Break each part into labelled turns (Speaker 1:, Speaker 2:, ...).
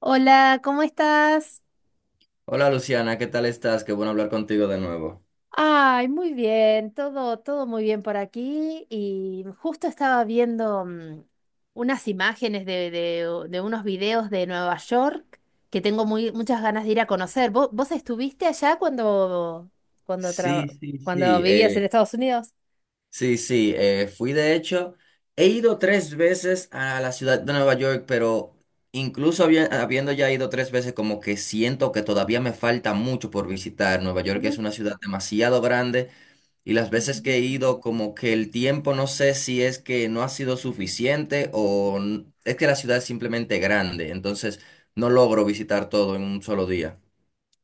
Speaker 1: Hola, ¿cómo estás?
Speaker 2: Hola Luciana, ¿qué tal estás? Qué bueno hablar contigo de nuevo.
Speaker 1: Ay, muy bien, todo, todo muy bien por aquí. Y justo estaba viendo unas imágenes de unos videos de Nueva York que tengo muy, muchas ganas de ir a conocer. ¿Vos estuviste allá cuando,
Speaker 2: Sí,
Speaker 1: traba-
Speaker 2: sí,
Speaker 1: cuando
Speaker 2: sí,
Speaker 1: vivías en Estados Unidos?
Speaker 2: sí, sí, fui de hecho, he ido tres veces a la ciudad de Nueva York, pero incluso habiendo ya ido tres veces, como que siento que todavía me falta mucho por visitar. Nueva York
Speaker 1: Uh,
Speaker 2: es una ciudad demasiado grande y las veces que
Speaker 1: ujú.
Speaker 2: he ido, como que el tiempo, no sé si es que no ha sido suficiente o es que la ciudad es simplemente grande, entonces no logro visitar todo en un solo día.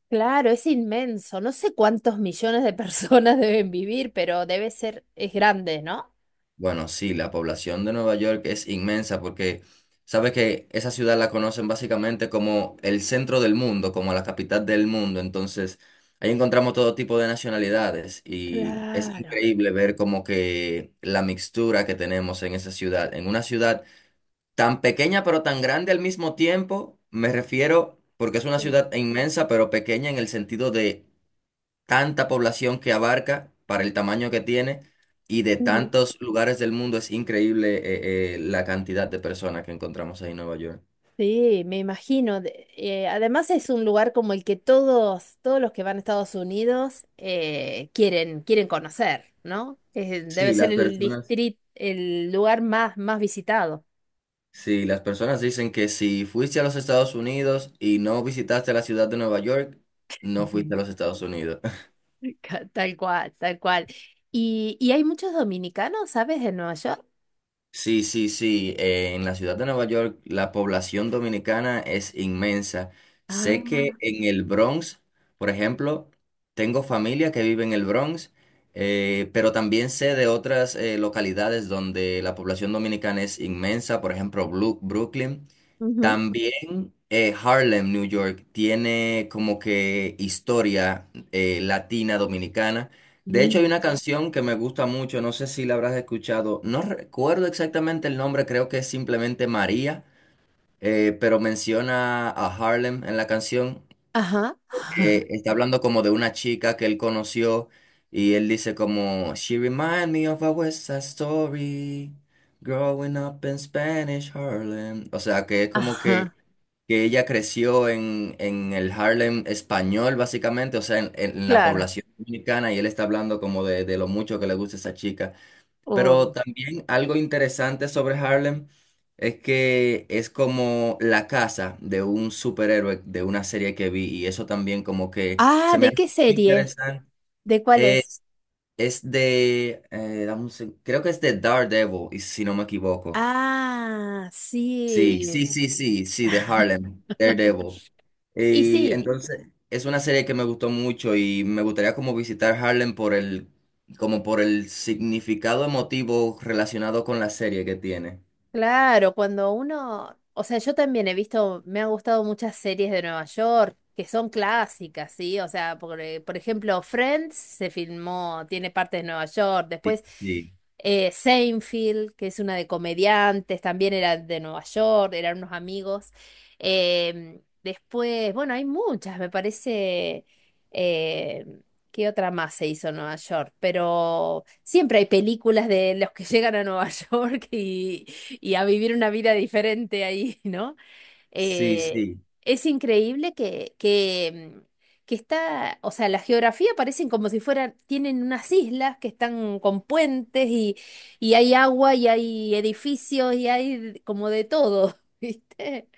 Speaker 1: Claro, es inmenso. No sé cuántos millones de personas deben vivir, pero debe ser, es grande, ¿no?
Speaker 2: Bueno, sí, la población de Nueva York es inmensa porque sabes que esa ciudad la conocen básicamente como el centro del mundo, como la capital del mundo. Entonces, ahí encontramos todo tipo de nacionalidades y es
Speaker 1: Claro.
Speaker 2: increíble ver como que la mixtura que tenemos en esa ciudad, en una ciudad tan pequeña pero tan grande al mismo tiempo, me refiero porque es una ciudad inmensa pero pequeña en el sentido de tanta población que abarca para el tamaño que tiene y de
Speaker 1: Sí.
Speaker 2: tantos lugares del mundo es increíble la cantidad de personas que encontramos ahí en Nueva York.
Speaker 1: Sí, me imagino. Además es un lugar como el que todos, todos los que van a Estados Unidos quieren, quieren conocer, ¿no? Debe
Speaker 2: Sí,
Speaker 1: ser
Speaker 2: las
Speaker 1: el
Speaker 2: personas,
Speaker 1: distrito, el lugar más, más visitado.
Speaker 2: sí, las personas dicen que si fuiste a los Estados Unidos y no visitaste la ciudad de Nueva York, no fuiste a
Speaker 1: Ujú.
Speaker 2: los Estados Unidos.
Speaker 1: Tal cual, tal cual. ¿Y hay muchos dominicanos, sabes, en Nueva York?
Speaker 2: Sí, sí, sí. En la ciudad de Nueva York la población dominicana es inmensa. Sé que
Speaker 1: Ah,
Speaker 2: en el Bronx, por ejemplo, tengo familia que vive en el Bronx, pero también sé de otras localidades donde la población dominicana es inmensa, por ejemplo, Brooklyn.
Speaker 1: ujú.
Speaker 2: También, Harlem, New York, tiene como que historia latina dominicana. De hecho, hay
Speaker 1: Mira.
Speaker 2: una canción que me gusta mucho, no sé si la habrás escuchado, no recuerdo exactamente el nombre, creo que es simplemente María, pero menciona a Harlem en la canción.
Speaker 1: Ajá, ajá,
Speaker 2: Está hablando como de una chica que él conoció y él dice como, "She remind me of a West Side Story, growing up in Spanish Harlem". O sea, que es como que
Speaker 1: ajá,
Speaker 2: que ella creció en el Harlem español, básicamente, o sea, en la
Speaker 1: claro.
Speaker 2: población dominicana, y él está hablando como de lo mucho que le gusta esa chica. Pero
Speaker 1: Oh.
Speaker 2: también algo interesante sobre Harlem es que es como la casa de un superhéroe de una serie que vi, y eso también como que
Speaker 1: Ah,
Speaker 2: se me
Speaker 1: ¿de
Speaker 2: hace
Speaker 1: qué serie?
Speaker 2: interesante.
Speaker 1: ¿De cuál es?
Speaker 2: Creo que es de Daredevil, y si no me equivoco.
Speaker 1: Ah,
Speaker 2: Sí,
Speaker 1: sí.
Speaker 2: sí, sí, sí, sí, de Harlem, Daredevil.
Speaker 1: Y
Speaker 2: Y
Speaker 1: sí.
Speaker 2: entonces es una serie que me gustó mucho y me gustaría como visitar Harlem como por el significado emotivo relacionado con la serie que tiene.
Speaker 1: Claro, cuando uno, o sea, yo también he visto, me han gustado muchas series de Nueva York que son clásicas, ¿sí? O sea, por ejemplo, Friends se filmó, tiene parte de Nueva York,
Speaker 2: Sí,
Speaker 1: después
Speaker 2: sí,
Speaker 1: Seinfeld, que es una de comediantes, también era de Nueva York, eran unos amigos. Después, bueno, hay muchas, me parece, eh, ¿qué otra más se hizo en Nueva York? Pero siempre hay películas de los que llegan a Nueva York y a vivir una vida diferente ahí, ¿no?
Speaker 2: sí,
Speaker 1: Eh,
Speaker 2: sí,
Speaker 1: es increíble que está, o sea, la geografía parecen como si fueran, tienen unas islas que están con puentes y hay agua y hay edificios y hay como de todo, ¿viste?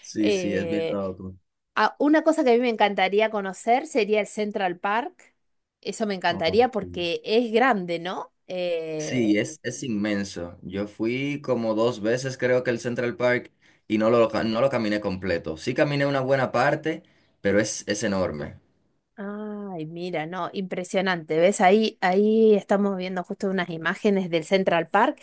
Speaker 2: sí, sí, es bien
Speaker 1: Eh,
Speaker 2: loco.
Speaker 1: una cosa que a mí me encantaría conocer sería el Central Park. Eso me
Speaker 2: Oh,
Speaker 1: encantaría
Speaker 2: sí.
Speaker 1: porque es grande, ¿no?
Speaker 2: Sí, es inmenso. Yo fui como dos veces creo que el Central Park y no lo caminé completo. Sí caminé una buena parte, pero es enorme.
Speaker 1: Ay, mira, no, impresionante. ¿Ves? Ahí, ahí estamos viendo justo unas imágenes del Central Park.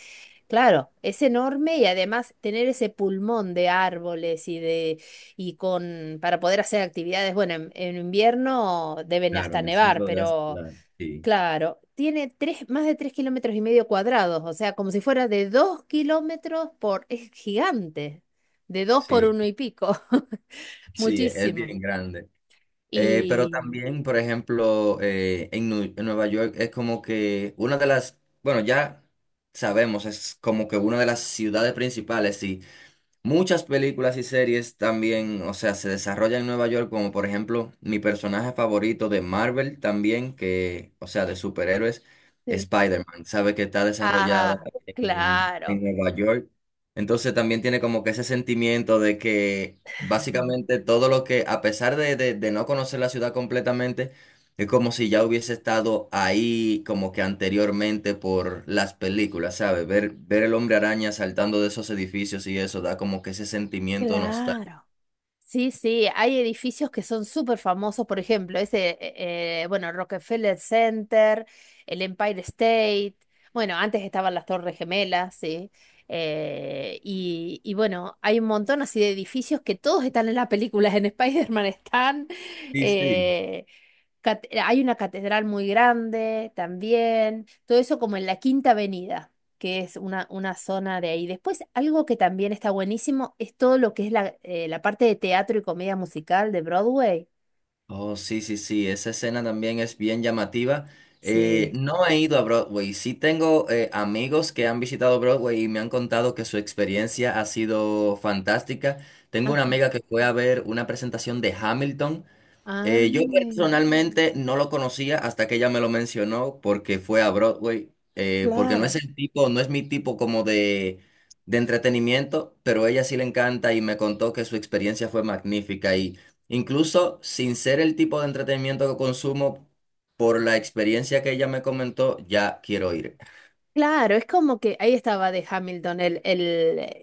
Speaker 1: Claro, es enorme y además tener ese pulmón de árboles y de y con para poder hacer actividades. Bueno, en invierno deben
Speaker 2: Claro,
Speaker 1: hasta
Speaker 2: en el
Speaker 1: nevar,
Speaker 2: centro de la
Speaker 1: pero
Speaker 2: ciudad, sí,
Speaker 1: claro, tiene tres, más de tres kilómetros y medio cuadrados, o sea, como si fuera de dos kilómetros por, es gigante, de dos por
Speaker 2: sí,
Speaker 1: uno y pico,
Speaker 2: sí, es
Speaker 1: muchísimo.
Speaker 2: bien grande. Pero
Speaker 1: Y
Speaker 2: también, por ejemplo, en Nueva York es como que una de las, bueno, ya sabemos, es como que una de las ciudades principales, sí. Muchas películas y series también, o sea, se desarrollan en Nueva York, como por ejemplo mi personaje favorito de Marvel también, que, o sea, de superhéroes,
Speaker 1: sí.
Speaker 2: Spider-Man, sabe que está desarrollada
Speaker 1: Ajá,
Speaker 2: en
Speaker 1: claro.
Speaker 2: Nueva York. Entonces también tiene como que ese sentimiento de que básicamente todo lo que, a pesar de no conocer la ciudad completamente, es como si ya hubiese estado ahí como que anteriormente por las películas, ¿sabes? Ver el hombre araña saltando de esos edificios y eso da como que ese sentimiento nostálgico.
Speaker 1: Claro. Sí, sí, hay edificios que son súper famosos, por ejemplo, ese, bueno, Rockefeller Center, el Empire State, bueno, antes estaban las Torres Gemelas, sí, y bueno, hay un montón así de edificios que todos están en las películas, en Spider-Man están,
Speaker 2: Sí, sí.
Speaker 1: eh, hay una catedral muy grande también, todo eso como en la Quinta Avenida, que es una zona de ahí. Después, algo que también está buenísimo es todo lo que es la parte de teatro y comedia musical de Broadway.
Speaker 2: Oh, sí, sí, sí, esa escena también es bien llamativa.
Speaker 1: Sí.
Speaker 2: No he ido a Broadway, sí tengo amigos que han visitado Broadway y me han contado que su experiencia ha sido fantástica. Tengo
Speaker 1: Ah,
Speaker 2: una amiga que fue a ver una presentación de Hamilton. Yo
Speaker 1: ay,
Speaker 2: personalmente no lo conocía hasta que ella me lo mencionó porque fue a Broadway, porque no es
Speaker 1: claro.
Speaker 2: el tipo, no es mi tipo como de entretenimiento, pero a ella sí le encanta y me contó que su experiencia fue magnífica y incluso sin ser el tipo de entretenimiento que consumo, por la experiencia que ella me comentó, ya quiero ir.
Speaker 1: Claro, es como que ahí estaba de Hamilton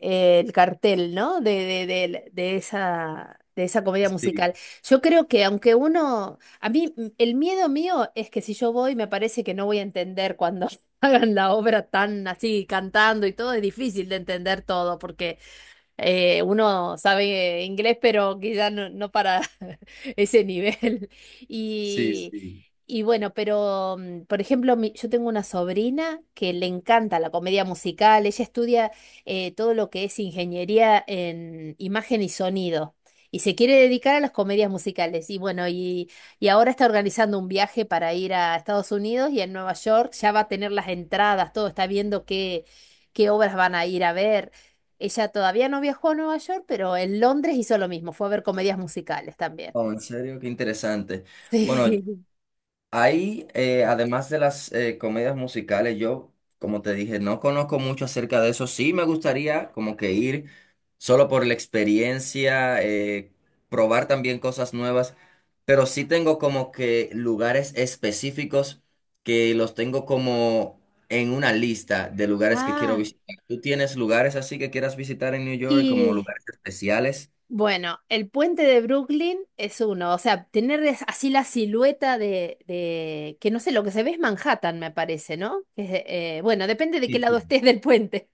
Speaker 1: el cartel, ¿no? De esa comedia
Speaker 2: Sí,
Speaker 1: musical. Yo creo que aunque uno, a mí el miedo mío es que si yo voy me parece que no voy a entender cuando hagan la obra tan así, cantando y todo, es difícil de entender todo porque uno sabe inglés, pero quizás no, no para ese nivel.
Speaker 2: sí,
Speaker 1: Y,
Speaker 2: sí.
Speaker 1: y bueno, pero por ejemplo, yo tengo una sobrina que le encanta la comedia musical. Ella estudia todo lo que es ingeniería en imagen y sonido. Y se quiere dedicar a las comedias musicales. Y bueno, y ahora está organizando un viaje para ir a Estados Unidos y a Nueva York. Ya va a tener las entradas, todo. Está viendo qué, qué obras van a ir a ver. Ella todavía no viajó a Nueva York, pero en Londres hizo lo mismo, fue a ver comedias musicales también.
Speaker 2: Oh, en serio, qué interesante. Bueno,
Speaker 1: Sí.
Speaker 2: ahí, además de las comedias musicales, yo, como te dije, no conozco mucho acerca de eso. Sí me gustaría como que ir solo por la experiencia, probar también cosas nuevas, pero sí tengo como que lugares específicos que los tengo como en una lista de lugares que quiero
Speaker 1: Ah,
Speaker 2: visitar. ¿Tú tienes lugares así que quieras visitar en New York como
Speaker 1: y
Speaker 2: lugares especiales?
Speaker 1: bueno, el puente de Brooklyn es uno, o sea, tener así la silueta que no sé, lo que se ve es Manhattan, me parece, ¿no? Que es, bueno, depende de qué
Speaker 2: Sí,
Speaker 1: lado
Speaker 2: sí.
Speaker 1: estés del puente.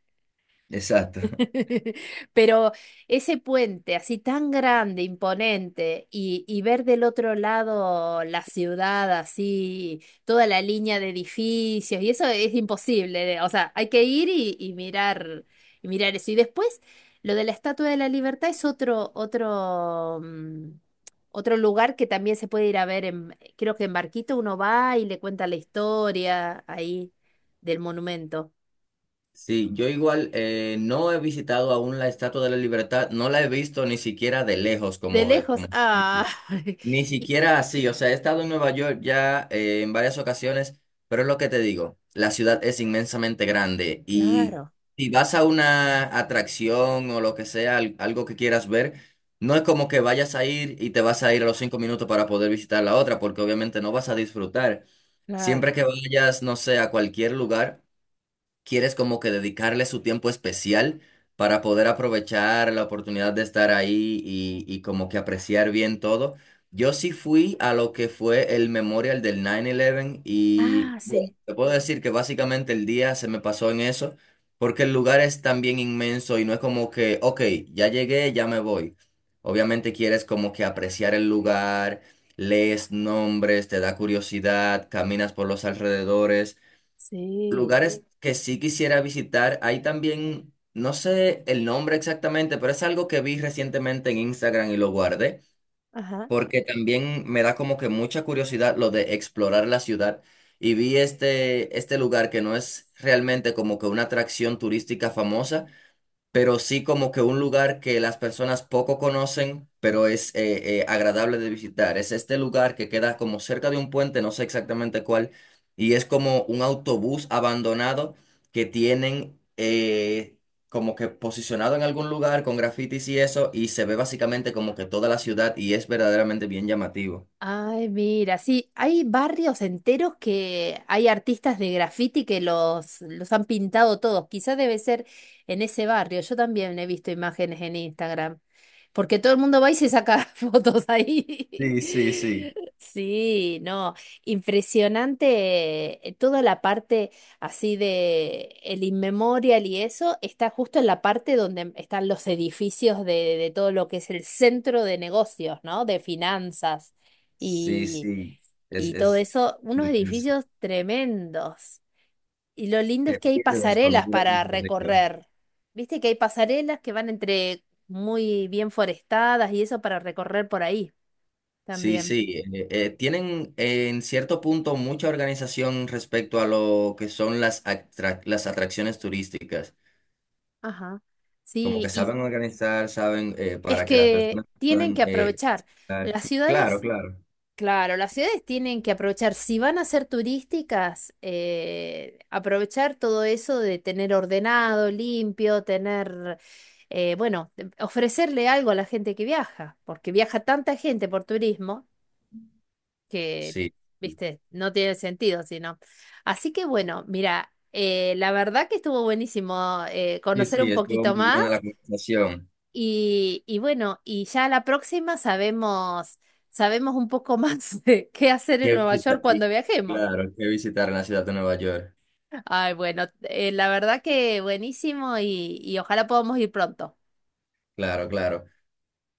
Speaker 2: Exacto.
Speaker 1: Pero ese puente así tan grande, imponente, y ver del otro lado la ciudad así, toda la línea de edificios, y eso es imposible. O sea, hay que ir y mirar eso. Y después, lo de la Estatua de la Libertad es otro, otro, otro lugar que también se puede ir a ver en, creo que en barquito uno va y le cuenta la historia ahí del monumento.
Speaker 2: Sí, yo igual no he visitado aún la Estatua de la Libertad, no la he visto ni siquiera de lejos,
Speaker 1: De
Speaker 2: como,
Speaker 1: lejos,
Speaker 2: como
Speaker 1: ah.
Speaker 2: dice. Ni
Speaker 1: Y-
Speaker 2: siquiera así, o sea, he estado en Nueva York ya en varias ocasiones, pero es lo que te digo, la ciudad es inmensamente grande y
Speaker 1: Claro,
Speaker 2: si vas a una atracción o lo que sea, algo que quieras ver, no es como que vayas a ir y te vas a ir a los 5 minutos para poder visitar la otra, porque obviamente no vas a disfrutar.
Speaker 1: claro.
Speaker 2: Siempre que vayas, no sé, a cualquier lugar quieres como que dedicarle su tiempo especial para poder aprovechar la oportunidad de estar ahí y como que apreciar bien todo. Yo sí fui a lo que fue el memorial del 9-11
Speaker 1: Ah,
Speaker 2: y
Speaker 1: sí,
Speaker 2: bueno, te puedo decir que básicamente el día se me pasó en eso porque el lugar es también inmenso y no es como que, ok, ya llegué, ya me voy. Obviamente quieres como que apreciar el lugar, lees nombres, te da curiosidad, caminas por los alrededores.
Speaker 1: sí.
Speaker 2: Lugares que sí quisiera visitar. Hay también, no sé el nombre exactamente, pero es algo que vi recientemente en Instagram y lo guardé,
Speaker 1: Ajá.
Speaker 2: porque también me da como que mucha curiosidad lo de explorar la ciudad. Y vi este lugar que no es realmente como que una atracción turística famosa, pero sí como que un lugar que las personas poco conocen, pero es agradable de visitar. Es este lugar que queda como cerca de un puente, no sé exactamente cuál, y es como un autobús abandonado que tienen como que posicionado en algún lugar con grafitis y eso, y se ve básicamente como que toda la ciudad y es verdaderamente bien llamativo.
Speaker 1: Ay, mira, sí, hay barrios enteros que hay artistas de graffiti que los han pintado todos. Quizá debe ser en ese barrio. Yo también he visto imágenes en Instagram, porque todo el mundo va y se saca fotos ahí.
Speaker 2: Sí, sí, sí.
Speaker 1: Sí, no, impresionante. Toda la parte así de el inmemorial y eso está justo en la parte donde están los edificios de todo lo que es el centro de negocios, ¿no? De finanzas
Speaker 2: Sí,
Speaker 1: y,
Speaker 2: sí, es,
Speaker 1: y todo
Speaker 2: es,
Speaker 1: eso, unos edificios tremendos. Y lo lindo es
Speaker 2: te
Speaker 1: que hay
Speaker 2: pierdes cuando
Speaker 1: pasarelas
Speaker 2: miras
Speaker 1: para
Speaker 2: desde arriba.
Speaker 1: recorrer. Viste que hay pasarelas que van entre muy bien forestadas y eso para recorrer por ahí
Speaker 2: Sí,
Speaker 1: también.
Speaker 2: sí, tienen en cierto punto mucha organización respecto a lo que son las atracciones turísticas,
Speaker 1: Ajá.
Speaker 2: como que
Speaker 1: Sí, y
Speaker 2: saben organizar, saben
Speaker 1: es
Speaker 2: para que las
Speaker 1: que
Speaker 2: personas
Speaker 1: tienen
Speaker 2: puedan
Speaker 1: que aprovechar.
Speaker 2: visitar.
Speaker 1: Las
Speaker 2: Claro,
Speaker 1: ciudades
Speaker 2: claro,
Speaker 1: claro, las ciudades tienen que aprovechar, si van a ser turísticas, aprovechar todo eso de tener ordenado, limpio, tener, ofrecerle algo a la gente que viaja, porque viaja tanta gente por turismo que,
Speaker 2: sí,
Speaker 1: viste, no tiene sentido, sino. Así que bueno, mira, la verdad que estuvo buenísimo
Speaker 2: sí,
Speaker 1: conocer
Speaker 2: sí,
Speaker 1: un
Speaker 2: estuvo
Speaker 1: poquito
Speaker 2: muy
Speaker 1: más
Speaker 2: buena la conversación.
Speaker 1: y bueno, y ya la próxima sabemos un poco más de qué hacer en
Speaker 2: ¿Qué
Speaker 1: Nueva York
Speaker 2: visitar? Y,
Speaker 1: cuando viajemos.
Speaker 2: claro, qué visitar en la ciudad de Nueva York,
Speaker 1: Ay, bueno, la verdad que buenísimo y ojalá podamos ir pronto.
Speaker 2: claro, claro.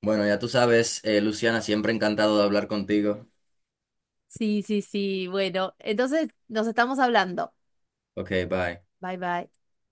Speaker 2: Bueno, ya tú sabes, Luciana, siempre encantado de hablar contigo.
Speaker 1: Sí, sí, sí, bueno, entonces nos estamos hablando.
Speaker 2: Ok, bye.
Speaker 1: Bye, bye.